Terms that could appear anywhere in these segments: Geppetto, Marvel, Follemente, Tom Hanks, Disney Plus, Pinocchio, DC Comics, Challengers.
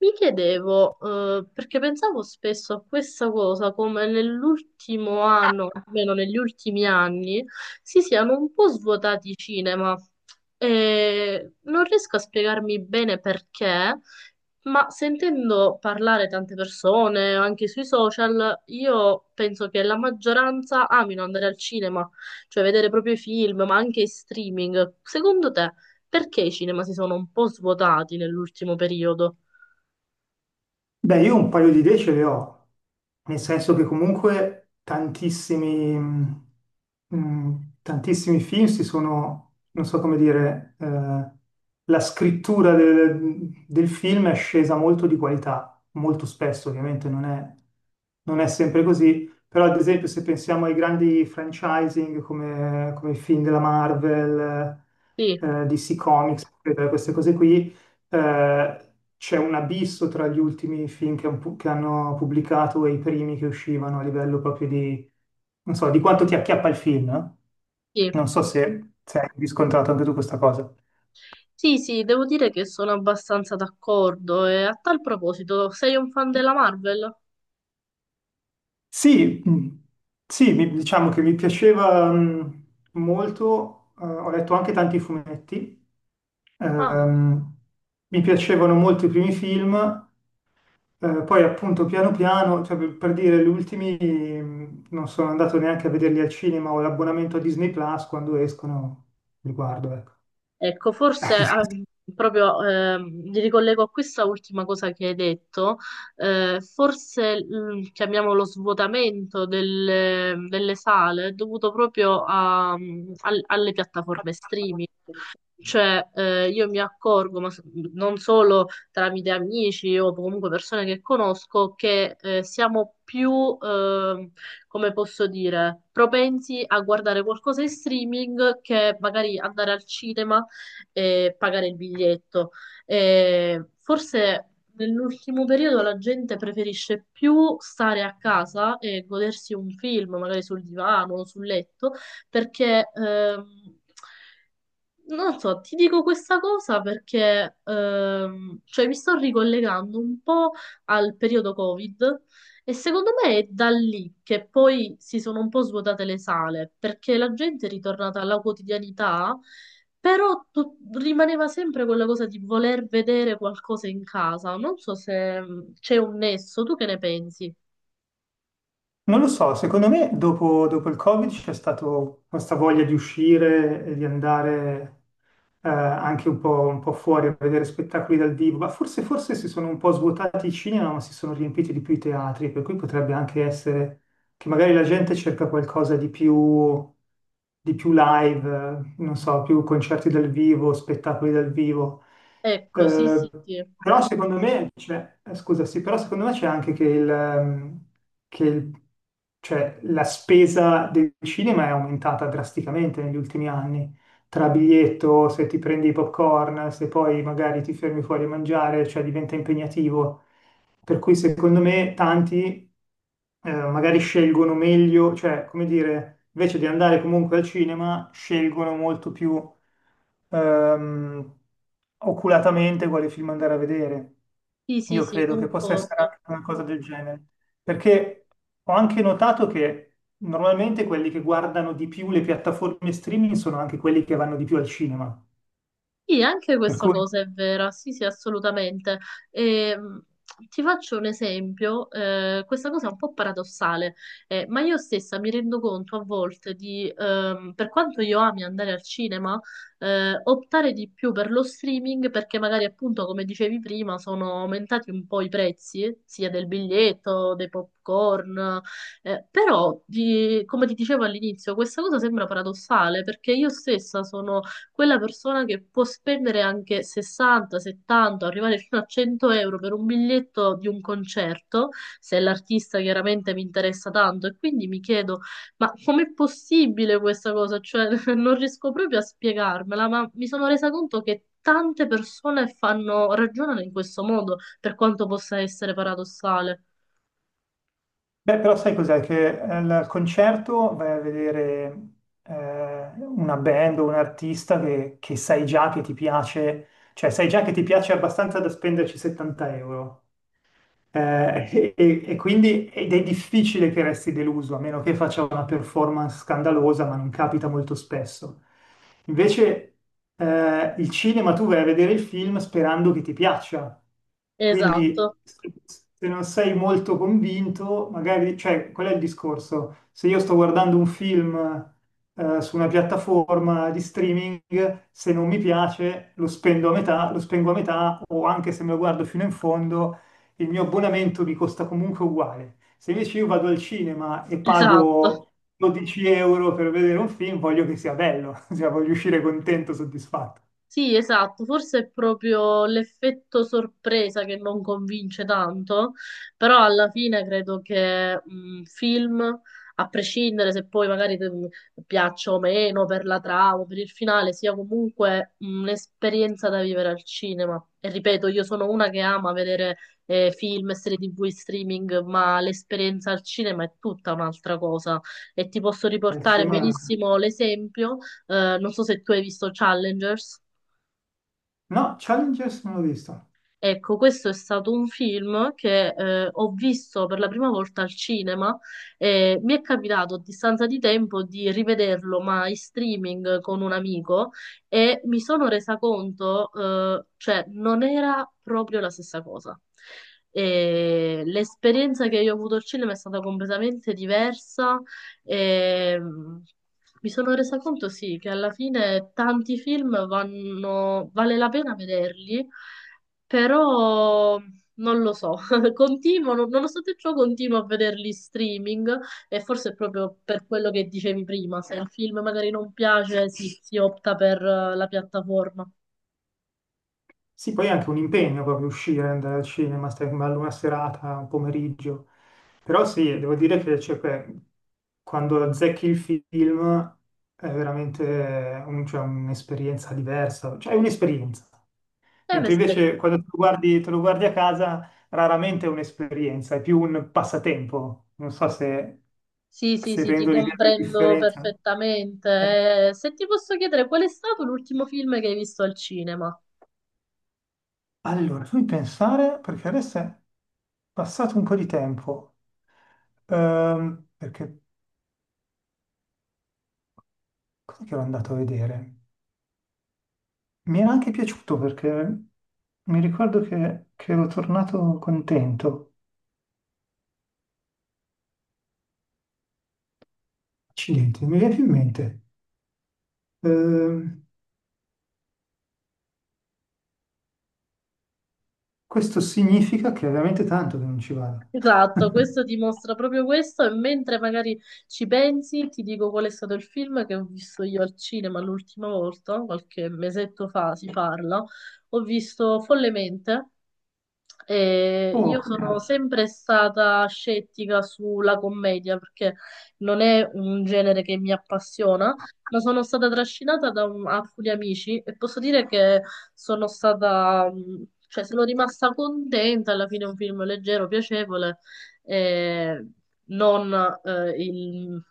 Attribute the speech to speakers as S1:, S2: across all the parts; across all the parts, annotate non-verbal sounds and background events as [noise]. S1: Mi chiedevo, perché pensavo spesso a questa cosa, come nell'ultimo anno, almeno negli ultimi anni, si siano un po' svuotati i cinema. E non riesco a spiegarmi bene perché, ma sentendo parlare tante persone, anche sui social, io penso che la maggioranza amino andare al cinema, cioè vedere proprio i film, ma anche i streaming. Secondo te, perché i cinema si sono un po' svuotati nell'ultimo periodo?
S2: Beh, io un paio di idee ce le ho, nel senso che comunque tantissimi, mm, tantissimi film si sono, non so come dire, la scrittura del film è scesa molto di qualità, molto spesso ovviamente non è sempre così, però ad esempio se pensiamo ai grandi franchising come i film della Marvel,
S1: Sì,
S2: DC Comics, eccetera, queste cose qui, eh, c'è un abisso tra gli ultimi film che, che hanno pubblicato e i primi che uscivano a livello proprio di, non so, di quanto ti acchiappa il film, eh?
S1: sì,
S2: Non so se hai riscontrato anche tu questa cosa.
S1: sì, sì, devo dire che sono abbastanza d'accordo. E a tal proposito, sei un fan della Marvel?
S2: Sì, sì, diciamo che mi piaceva molto, ho letto anche tanti fumetti,
S1: Ah,
S2: ehm, mi piacevano molto i primi film. Poi appunto piano piano, cioè, per dire, gli ultimi non sono andato neanche a vederli al cinema o l'abbonamento a Disney Plus quando escono, li guardo, ecco.
S1: ecco, forse ah, proprio mi ricollego a questa ultima cosa che hai detto. Forse chiamiamolo lo svuotamento delle sale è dovuto proprio alle piattaforme streaming. Cioè, io mi accorgo, non solo tramite amici o comunque persone che conosco, che siamo più, come posso dire, propensi a guardare qualcosa in streaming che magari andare al cinema e pagare il biglietto. Forse nell'ultimo periodo la gente preferisce più stare a casa e godersi un film, magari sul divano o sul letto perché non so, ti dico questa cosa perché cioè mi sto ricollegando un po' al periodo Covid e secondo me è da lì che poi si sono un po' svuotate le sale, perché la gente è ritornata alla quotidianità, però rimaneva sempre quella cosa di voler vedere qualcosa in casa. Non so se c'è un nesso, tu che ne pensi?
S2: Non lo so, secondo me dopo il Covid c'è stata questa voglia di uscire e di andare anche un po' fuori a vedere spettacoli dal vivo, ma forse si sono un po' svuotati i cinema, ma si sono riempiti di più i teatri, per cui potrebbe anche essere che magari la gente cerca qualcosa di più live, non so, più concerti dal vivo, spettacoli dal vivo.
S1: Ecco, sì,
S2: Eh,
S1: sì, sì.
S2: però secondo me, cioè, scusa, sì, però secondo me c'è anche che, che il- cioè, la spesa del cinema è aumentata drasticamente negli ultimi anni. Tra biglietto, se ti prendi i popcorn, se poi magari ti fermi fuori a mangiare, cioè diventa impegnativo. Per cui secondo me tanti magari scelgono meglio, cioè come dire, invece di andare comunque al cinema, scelgono molto più ehm, oculatamente quale film andare a vedere.
S1: Sì, sì,
S2: Io
S1: sì,
S2: credo che possa essere
S1: concordo.
S2: anche una cosa del genere, perché ho anche notato che normalmente quelli che guardano di più le piattaforme streaming sono anche quelli che vanno di più al cinema.
S1: Sì, anche
S2: Per
S1: questa
S2: cui
S1: cosa è vera, sì, sì, assolutamente. Ehm, Ti faccio un esempio, questa cosa è un po' paradossale, ma io stessa mi rendo conto a volte di, per quanto io ami andare al cinema, optare di più per lo streaming perché magari appunto, come dicevi prima, sono aumentati un po' i prezzi, sia del biglietto, dei popcorn, però, come ti dicevo all'inizio, questa cosa sembra paradossale perché io stessa sono quella persona che può spendere anche 60, 70, arrivare fino a 100 euro per un biglietto di un concerto, se l'artista chiaramente mi interessa tanto. E quindi mi chiedo, ma com'è possibile questa cosa? Cioè, [laughs] non riesco proprio a spiegarmela, ma mi sono resa conto che tante persone fanno, ragionano in questo modo, per quanto possa essere paradossale.
S2: beh, però sai cos'è? Che al concerto vai a vedere una band o un artista che sai già che ti piace, cioè sai già che ti piace abbastanza da spenderci 70 euro. [laughs] E quindi ed è difficile che resti deluso, a meno che faccia una performance scandalosa, ma non capita molto spesso. Invece, il cinema tu vai a vedere il film sperando che ti piaccia.
S1: Esatto,
S2: Quindi, se non sei molto convinto, magari, cioè, qual è il discorso? Se io sto guardando un film, su una piattaforma di streaming, se non mi piace, lo spendo a metà, lo spengo a metà, o anche se me lo guardo fino in fondo il mio abbonamento mi costa comunque uguale. Se invece io vado al cinema e
S1: esatto.
S2: pago 12 euro per vedere un film, voglio che sia bello, [laughs] cioè voglio uscire contento, soddisfatto.
S1: Sì, esatto, forse è proprio l'effetto sorpresa che non convince tanto, però alla fine credo che un film, a prescindere se poi magari piaccia o meno per la trama, per il finale, sia comunque un'esperienza da vivere al cinema. E ripeto, io sono una che ama vedere film, serie TV, in streaming, ma l'esperienza al cinema è tutta un'altra cosa. E ti posso
S2: Al
S1: riportare
S2: cinema...
S1: benissimo l'esempio, non so se tu hai visto Challengers.
S2: No, Challengers non l'ho visto.
S1: Ecco, questo è stato un film che ho visto per la prima volta al cinema e mi è capitato a distanza di tempo di rivederlo, ma in streaming con un amico e mi sono resa conto, cioè non era proprio la stessa cosa. E l'esperienza che io ho avuto al cinema è stata completamente diversa e mi sono resa conto, sì, che alla fine tanti film vanno, vale la pena vederli però non lo so, [laughs] continuo, nonostante ciò continuo a vederli in streaming e forse è proprio per quello che dicevi prima, se il film magari non piace, sì, si opta per la piattaforma.
S2: Sì, poi è anche un impegno proprio uscire, andare al cinema, stare con bello una serata, un pomeriggio. Però sì, devo dire che cioè, quando azzecchi il film è veramente cioè, un'esperienza diversa, cioè è un'esperienza.
S1: È
S2: Mentre
S1: un'esperienza.
S2: invece quando te lo guardi a casa, raramente è un'esperienza, è più un passatempo. Non so se,
S1: Sì, sì,
S2: se
S1: sì, ti
S2: rendo l'idea della
S1: comprendo
S2: differenza. Eh,
S1: perfettamente. Se ti posso chiedere, qual è stato l'ultimo film che hai visto al cinema?
S2: Allora, fammi pensare, perché adesso è passato un po' di tempo. Perché cos'è che ero andato a vedere? Mi era anche piaciuto perché mi ricordo che ero tornato contento. Accidenti, non mi viene più in mente. Ehm, Questo significa che è veramente tanto che non ci vado.
S1: Esatto, questo
S2: [laughs]
S1: dimostra proprio questo e mentre magari ci pensi, ti dico qual è stato il film che ho visto io al cinema l'ultima volta, qualche mesetto fa si parla, ho visto Follemente, e
S2: Oh,
S1: io sono
S2: come...
S1: sempre stata scettica sulla commedia perché non è un genere che mi appassiona, ma sono stata trascinata da alcuni amici e posso dire che sono stata, cioè sono rimasta contenta, alla fine è un film leggero, piacevole, e non il,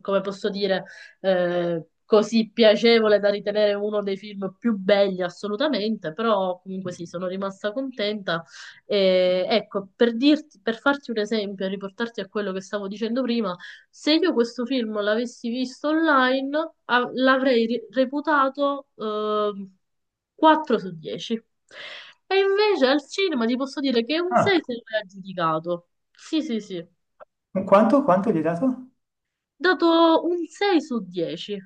S1: come posso dire, così piacevole da ritenere uno dei film più belli assolutamente, però comunque sì, sono rimasta contenta e, ecco, per dirti, per farti un esempio, e riportarti a quello che stavo dicendo prima, se io questo film l'avessi visto online, l'avrei reputato 4 su 10. E invece al cinema ti posso dire che un 6
S2: Ah,
S1: se lo è aggiudicato. Sì, sì, sì.
S2: quanto gli hai dato?
S1: Dato un 6 su 10.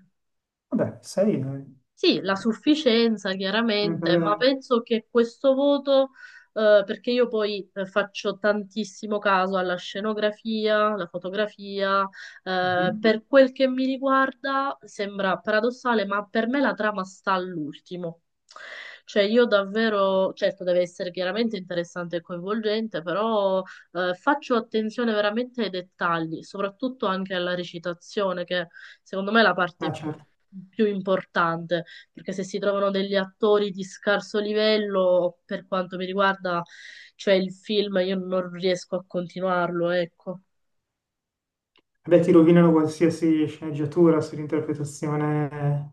S2: Vabbè, 6 è
S1: Sì, la sufficienza
S2: una
S1: chiaramente, ma
S2: bella...
S1: penso che questo voto, perché io poi faccio tantissimo caso alla scenografia, alla fotografia,
S2: Mhm.
S1: per quel che mi riguarda sembra paradossale, ma per me la trama sta all'ultimo. Cioè io davvero, certo deve essere chiaramente interessante e coinvolgente, però faccio attenzione veramente ai dettagli, soprattutto anche alla recitazione, che secondo me è la
S2: Ah,
S1: parte
S2: certo.
S1: più importante perché se si trovano degli attori di scarso livello, per quanto mi riguarda, cioè il film, io non riesco a continuarlo, ecco.
S2: Vabbè, ti rovinano qualsiasi sceneggiatura se l'interpretazione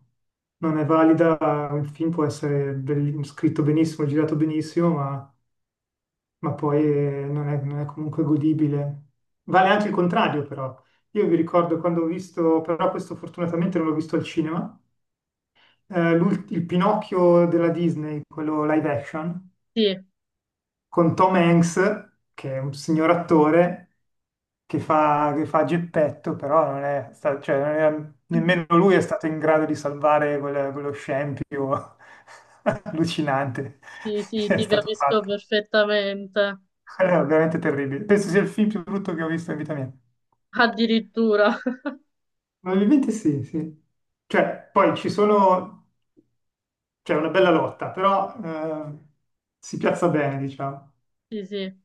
S2: non è valida. Un film può essere scritto benissimo, girato benissimo, ma poi non è comunque godibile. Vale anche il contrario, però. Io vi ricordo quando ho visto, però questo fortunatamente non l'ho visto al cinema, il Pinocchio della Disney, quello live action,
S1: Sì,
S2: con Tom Hanks, che è un signor attore che fa Geppetto, però non è sta- cioè, non era- nemmeno lui è stato in grado di salvare quello scempio [laughs] allucinante
S1: sì, sì,
S2: che è
S1: ti
S2: stato
S1: capisco
S2: fatto.
S1: perfettamente.
S2: Era veramente terribile. Penso sia il film più brutto che ho visto in vita mia.
S1: Addirittura, [laughs]
S2: Probabilmente sì, sì. Cioè, c'è una bella lotta, però si piazza bene, diciamo.
S1: sì, sì.